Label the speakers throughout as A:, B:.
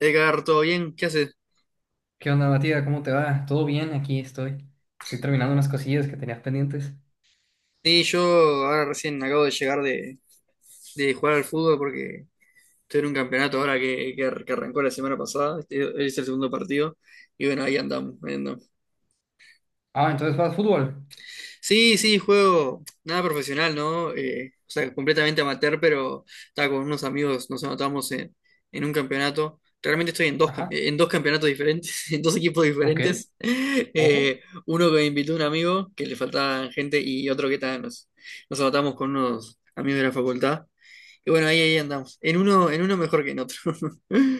A: Edgar, ¿todo bien? ¿Qué haces?
B: ¿Qué onda, Matías? ¿Cómo te va? ¿Todo bien? Aquí estoy. Estoy terminando unas cosillas que tenías pendientes.
A: Sí, yo ahora recién acabo de llegar de jugar al fútbol porque estoy en un campeonato ahora que arrancó la semana pasada. Este es el segundo partido. Y bueno, ahí andamos.
B: Ah, entonces juegas fútbol.
A: Sí, sí, juego nada profesional, ¿no? O sea, completamente amateur, pero estaba con unos amigos, nos anotamos en un campeonato. Realmente estoy en dos, cam-
B: Ajá.
A: en dos campeonatos diferentes, en dos equipos
B: Ok.
A: diferentes.
B: Ojo.
A: Eh, Uno que me invitó un amigo, que le faltaba gente, y otro que ta, nos anotamos con unos amigos de la facultad. Y bueno, ahí andamos. En uno mejor que en otro.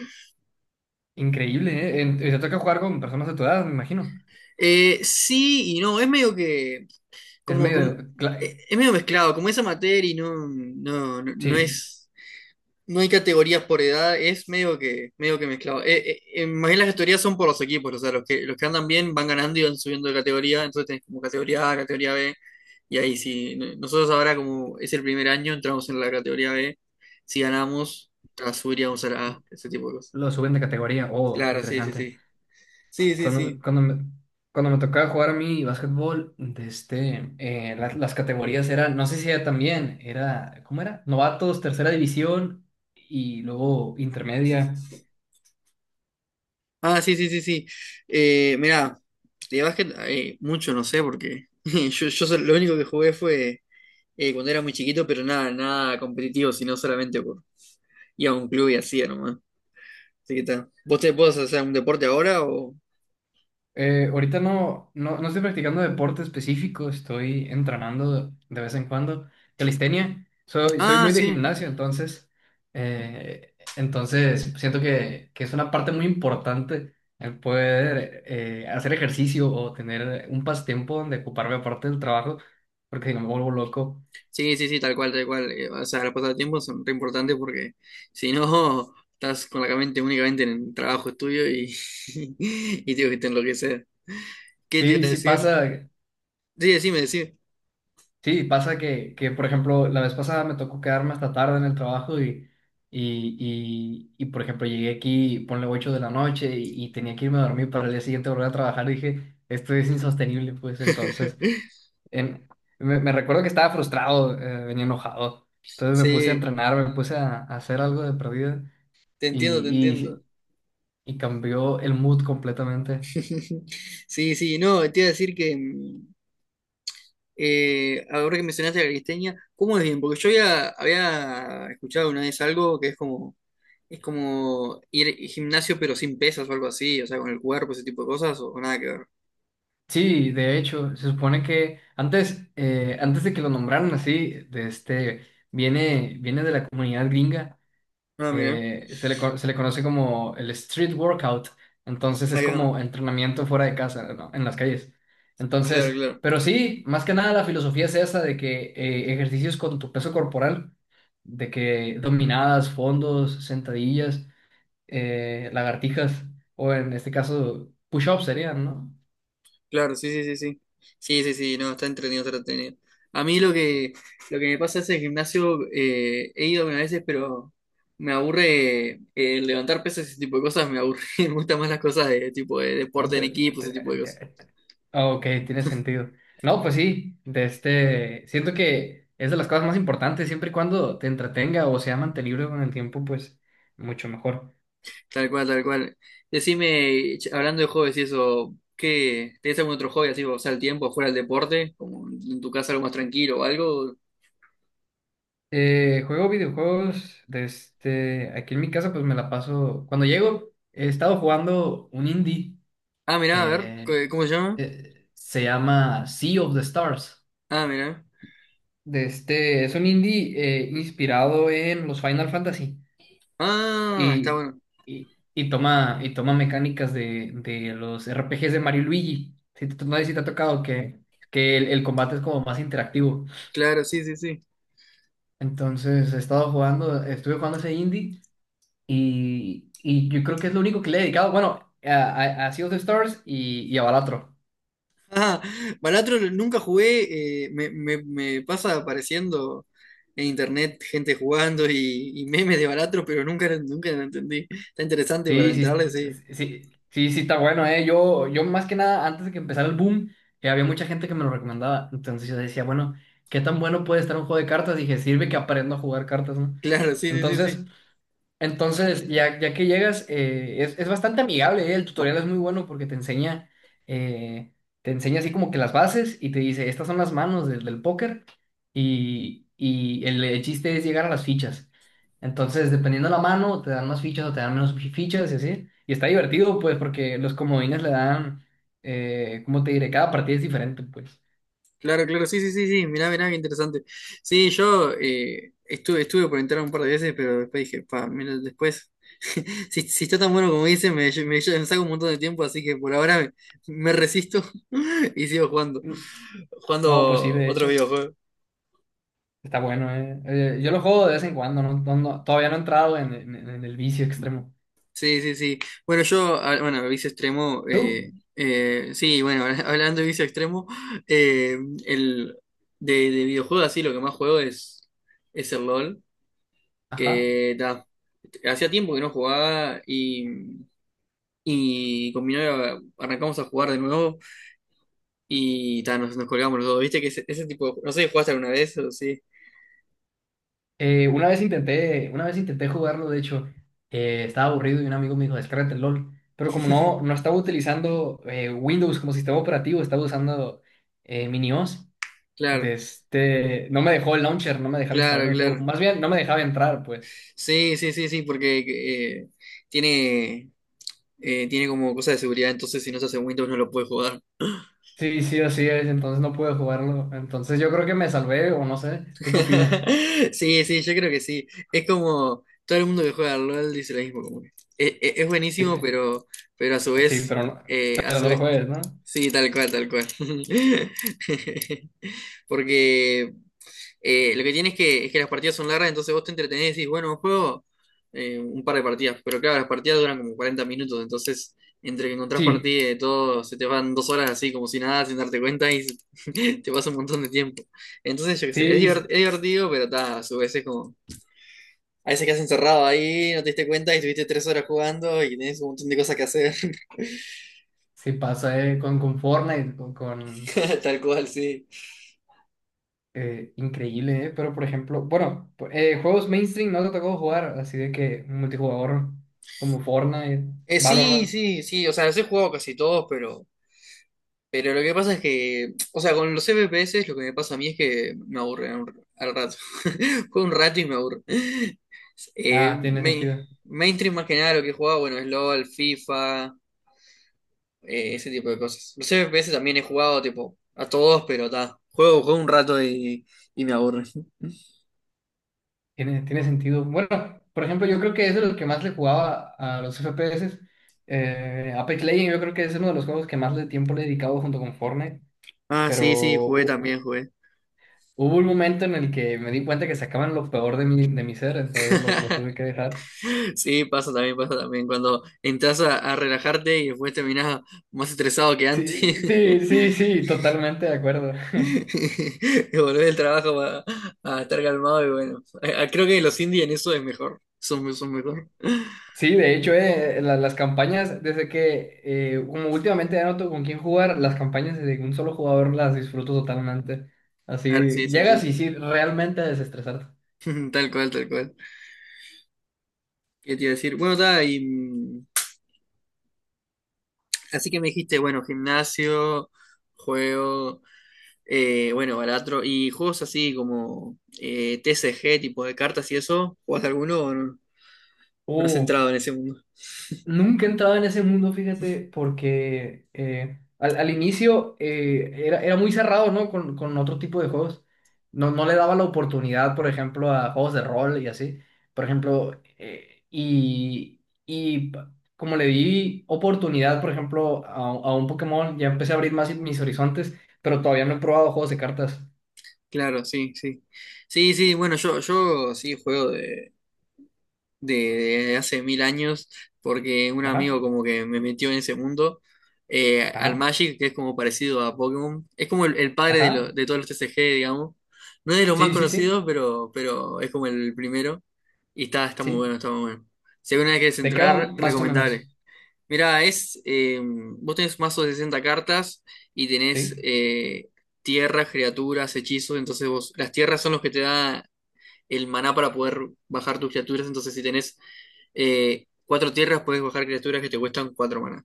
B: Increíble, ¿eh? Te toca jugar con personas de tu edad, me imagino.
A: Sí y no, es medio que
B: Es
A: como,
B: medio...
A: como
B: cla-
A: eh, es medio mezclado, como esa materia y
B: Sí,
A: no hay categorías por edad, es medio que mezclado. Más bien las categorías son por los equipos, o sea, los que andan bien van ganando y van subiendo de categoría, entonces tenés como categoría A, categoría B, y ahí sí, nosotros ahora como es el primer año, entramos en la categoría B, si ganamos, ah, subiríamos a la A, ese tipo de cosas.
B: lo suben de categoría. Oh,
A: Claro, sí, sí,
B: interesante.
A: sí. Sí, sí,
B: Cuando,
A: sí.
B: cuando me, Cuando me tocaba jugar a mí básquetbol, las categorías eran... No sé si era también. Era... ¿Cómo era? Novatos, tercera división y luego intermedia.
A: Ah, sí, sí, sí, sí. Mirá, de básquet mucho no sé, porque lo único que jugué fue cuando era muy chiquito, pero nada, nada competitivo, sino solamente por ir a un club y hacía nomás. Así que está. ¿Vos te podés hacer un deporte ahora o?
B: Ahorita no, no, no estoy practicando deporte específico, estoy entrenando de vez en cuando calistenia. Soy
A: Ah,
B: muy de
A: sí.
B: gimnasio, entonces, entonces siento que es una parte muy importante el poder hacer ejercicio o tener un pasatiempo donde ocuparme aparte del trabajo, porque si no me vuelvo loco.
A: Sí, sí, sí, tal cual, tal cual. O sea, los pasatiempos son re importantes porque si no, estás con la mente únicamente en el trabajo, estudio y, y tengo que te enloquecer. ¿Qué te iba
B: Sí,
A: a
B: sí
A: decir?
B: pasa.
A: Sí, decime, decime.
B: Sí, pasa que, por ejemplo, la vez pasada me tocó quedarme hasta tarde en el trabajo y por ejemplo, llegué aquí, ponle 8 de la noche y tenía que irme a dormir para el día siguiente volver a trabajar y dije, esto es insostenible, pues entonces, en- me recuerdo que estaba frustrado, venía enojado, entonces me puse a
A: Sí.
B: entrenar, me puse a hacer algo de perdida
A: Te entiendo, te
B: y,
A: entiendo.
B: y, y cambió el mood completamente.
A: Sí, sí, no, te iba a decir que, ahora que mencionaste la cristeña, ¿cómo es bien? Porque yo ya había escuchado una vez algo que es como ir al gimnasio pero sin pesas o algo así, o sea, con el cuerpo, ese tipo de cosas, o nada que ver.
B: Sí, de hecho, se supone que antes, antes de que lo nombraran así, viene de la comunidad gringa,
A: Ah, mira,
B: se le conoce como el street workout, entonces es
A: ahí va,
B: como entrenamiento fuera de casa, ¿no? En las calles.
A: claro,
B: Entonces,
A: claro.
B: pero sí, más que nada la filosofía es esa de que ejercicios con tu peso corporal, de que dominadas, fondos, sentadillas, lagartijas, o en este caso, push-ups serían, ¿no?
A: Claro, sí, sí, sí, sí. Sí, sí, sí, no, está entretenido, está entretenido. A mí lo que me pasa es el gimnasio, he ido algunas veces, pero me aburre levantar pesas y ese tipo de cosas, me aburre, me gustan más las cosas de tipo de
B: No,
A: deporte en
B: te-
A: equipo,
B: te-
A: ese tipo de cosas.
B: te- Ah, ok, tiene sentido. No, pues sí, siento que es de las cosas más importantes, siempre y cuando te entretenga o sea mantenible con el tiempo, pues mucho mejor.
A: Tal cual, tal cual. Decime, hablando de hobbies y eso, ¿qué? ¿Tenés algún otro hobby así para pasar el tiempo fuera del deporte? Como en tu casa algo más tranquilo o algo.
B: Juego videojuegos, aquí en mi casa pues me la paso, cuando llego he estado jugando un indie.
A: Ah, mirá, a ver,
B: eh,
A: ¿cómo se llama?
B: Se llama Sea of the Stars,
A: Ah, mirá.
B: es un indie inspirado en los Final Fantasy.
A: Ah, está
B: Y,
A: bueno.
B: y toma mecánicas de los RPGs de Mario y Luigi. No sé si te ha tocado que el combate es como más interactivo.
A: Claro, sí, sí, sí.
B: Entonces he estado jugando, estuve jugando ese indie y yo creo que es lo único que le he dedicado. Bueno, a Sea of the Stars y a Balatro.
A: Ah, Balatro nunca jugué, me pasa apareciendo en internet gente jugando y memes de Balatro, pero nunca, nunca lo entendí. Está interesante para
B: Sí, sí,
A: entrarle, sí.
B: sí está bueno, ¿eh? Yo más que nada, antes de que empezara el boom, había mucha gente que me lo recomendaba. Entonces yo decía, bueno, ¿qué tan bueno puede estar un juego de cartas? Dije, sirve que aprendo a jugar cartas, ¿no?
A: Claro, sí, sí, sí,
B: Entonces,
A: sí.
B: entonces, ya que llegas, es bastante amigable. El tutorial es muy bueno porque eh, te enseña así como que las bases y te dice, estas son las manos del, del póker y el chiste es llegar a las fichas. Entonces, dependiendo de la mano, te dan más fichas o te dan menos fichas y así. Y está divertido, pues, porque los comodines le dan, ¿cómo te diré? Cada partida es diferente, pues.
A: Claro, claro, sí, sí, sí, sí. Mirá, mirá, qué interesante. Sí, yo estuve por entrar un par de veces, pero después dije, pa, mira, después, si está tan bueno como dice, me saca un montón de tiempo, así que por ahora me resisto y sigo jugando,
B: Mm, No, pues sí,
A: jugando
B: de
A: otros
B: hecho,
A: videojuegos.
B: está bueno, eh. Yo lo juego de vez en cuando, todavía no he entrado en el vicio extremo.
A: Sí, sí, sí. Bueno, bueno, vicio extremo,
B: ¿Tú?
A: sí, bueno, hablando de vicio extremo, eh, el, de videojuegos así, lo que más juego es el LOL,
B: Ajá.
A: que ta, hacía tiempo que no jugaba y con mi novia arrancamos a jugar de nuevo y ta, nos colgamos los dos, ¿viste? Que ese tipo de, no sé, si ¿jugaste alguna vez? O sí,
B: Una vez intenté jugarlo, de hecho, estaba aburrido y un amigo me dijo, descárgate el LOL. Pero como no, no estaba utilizando Windows como sistema operativo, estaba usando MiniOS.
A: claro,
B: No me dejó el launcher, no me dejaba instalar
A: claro,
B: el juego.
A: claro.
B: Más bien, no me dejaba entrar, pues.
A: Sí, sí, sí, sí, porque eh, tiene... tiene como cosa de seguridad, entonces si no se hace en Windows no lo puedes jugar.
B: Sí, sí, así es, entonces no pude jugarlo. Entonces yo creo que me salvé, o no sé. ¿Tú qué opinas?
A: Sí, sí, yo creo que sí. Es como todo el mundo que juega al LOL dice lo mismo. Como que es
B: Sí,
A: buenísimo, pero a su
B: sí,
A: vez, eh, a
B: pero
A: su
B: no lo
A: vez,
B: juegues, ¿no?
A: sí, tal cual, tal cual. Porque lo que tienes es que las partidas son largas, entonces vos te entretenés y decís, bueno, juego un par de partidas. Pero claro, las partidas duran como 40 minutos, entonces entre que encontrás
B: Sí,
A: partidas y de todo, se te van 2 horas así como si nada, sin darte cuenta y te pasa un montón de tiempo. Entonces, yo qué sé, es,
B: sí, sí,
A: divert- es divertido, pero ta, a su vez es como. A veces quedas encerrado ahí, no te diste cuenta y estuviste 3 horas jugando y tenés un montón de cosas que hacer.
B: sí pasa, con Fortnite, con
A: Tal cual, sí.
B: Increíble, ¿eh? Pero por ejemplo, bueno, juegos mainstream no te tocó jugar, así de que multijugador como Fortnite,
A: Sí,
B: Valorant,
A: sí, sí. O sea, los he jugado casi todos, pero. Pero lo que pasa es que, o sea, con los FPS lo que me pasa a mí es que me aburre al rato. Juego un rato y me aburre. Eh,
B: nada, tiene
A: main-
B: sentido.
A: Mainstream más que nada lo que he jugado, bueno, es LOL, FIFA, ese tipo de cosas. Los FPS también he jugado, tipo, a todos, pero está. Juego un rato y me aburre.
B: Tiene sentido. Bueno, por ejemplo, yo creo que es de los que más le jugaba a los FPS. Apex Legends, yo creo que es uno de los juegos que más de tiempo le he dedicado junto con Fortnite,
A: Ah,
B: pero
A: sí, sí, jugué también,
B: hu-
A: jugué.
B: hubo un momento en el que me di cuenta que sacaban lo peor de mi ser, entonces lo tuve que dejar.
A: Sí, pasa también, pasa también. Cuando entras a relajarte y después terminás más estresado que antes.
B: Sí, sí, sí, sí, totalmente de acuerdo.
A: Y volver del trabajo a estar calmado y bueno. Creo que los indies en eso es mejor. Son mejor.
B: Sí, de hecho, las campañas, desde que como últimamente ya no tengo con quién jugar, las campañas de un solo jugador las disfruto totalmente.
A: Claro,
B: Así
A: sí, sí,
B: llegas
A: sí.
B: y sí, realmente a desestresarte.
A: Tal cual, tal cual. ¿Qué te iba a decir? Bueno, está, y, así que me dijiste, bueno, gimnasio, juego, bueno, baratro, y juegos así como TCG, tipo de cartas y eso, ¿jugás alguno o no? No has
B: Uh.
A: entrado en ese mundo.
B: Nunca he entrado en ese mundo, fíjate, porque al inicio era muy cerrado, ¿no? Con otro tipo de juegos. No, no le daba la oportunidad, por ejemplo, a juegos de rol y así. Por ejemplo, como le di oportunidad, por ejemplo, a un Pokémon, ya empecé a abrir más mis horizontes, pero todavía no he probado juegos de cartas.
A: Claro, sí, sí. Sí, sí, bueno, yo sí juego de, de hace mil años, porque un
B: Ajá,
A: amigo como que me metió en ese mundo, al
B: ajá,
A: Magic, que es como parecido a Pokémon, es como el padre de, lo-
B: ajá.
A: de todos los TCG, digamos. No es de los más
B: Sí, sí, sí,
A: conocidos, pero es como el primero. Y está muy
B: sí.
A: bueno, está muy bueno. Si alguna vez quieres
B: ¿De qué va
A: entrar,
B: más o
A: recomendable.
B: menos?
A: Mirá, vos tenés mazo de 60 cartas y tenés
B: Sí,
A: tierras, criaturas, hechizos. Entonces vos, las tierras son los que te da el maná para poder bajar tus criaturas. Entonces, si tenés 4 tierras, puedes bajar criaturas que te cuestan 4 maná,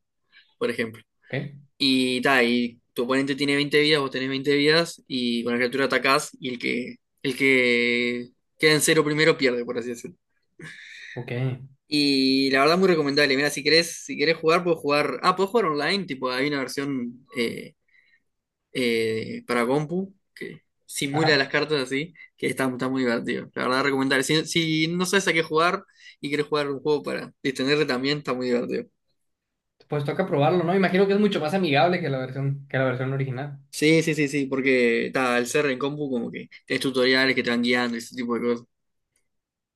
A: por ejemplo.
B: ok,
A: Y ta, y tu oponente tiene 20 vidas, vos tenés 20 vidas, y con la criatura atacás, y el que queda en 0 primero pierde, por así decirlo.
B: ok.
A: Y la verdad es muy recomendable. Mira, si querés jugar, puedes jugar. Ah, puedes jugar online, tipo, hay una versión para compu, que simula las
B: Ajá.
A: cartas así, que está muy divertido. La verdad, recomendable. Si no sabes a qué jugar y quieres jugar un juego para distenderte también, está muy divertido.
B: Pues toca probarlo, ¿no? Imagino que es mucho más amigable que la versión original.
A: Sí, sí, sí, sí, porque está, al ser en compu como que tenés tutoriales que te van guiando y ese tipo de cosas.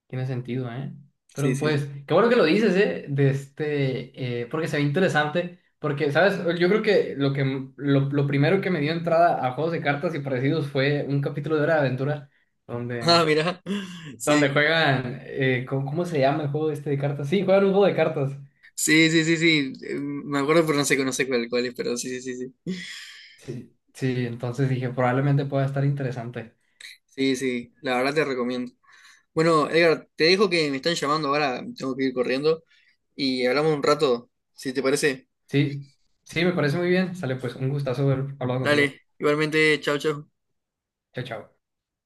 B: Tiene sentido, ¿eh?
A: Sí,
B: Pero
A: sí, sí.
B: pues, qué bueno que lo dices, ¿eh? Porque se ve interesante. Porque, ¿sabes? Yo creo que lo primero que me dio entrada a juegos de cartas y parecidos fue un capítulo de Hora de Aventura
A: Ah,
B: donde,
A: mirá.
B: donde
A: Sí,
B: juegan, ¿cómo, cómo se llama el juego este de cartas? Sí, juegan un juego de cartas.
A: sí, sí, sí, sí. Me acuerdo, pero no sé cuál es, pero sí, sí, sí, sí.
B: Sí, sí, entonces dije, probablemente pueda estar interesante.
A: Sí, sí, la verdad te recomiendo. Bueno, Edgar, te dejo que me están llamando ahora, tengo que ir corriendo y hablamos un rato, si te parece.
B: Sí, sí, me parece muy bien. Sale pues, un gustazo haber hablado contigo.
A: Dale, igualmente, chao, chao.
B: Chao, chao.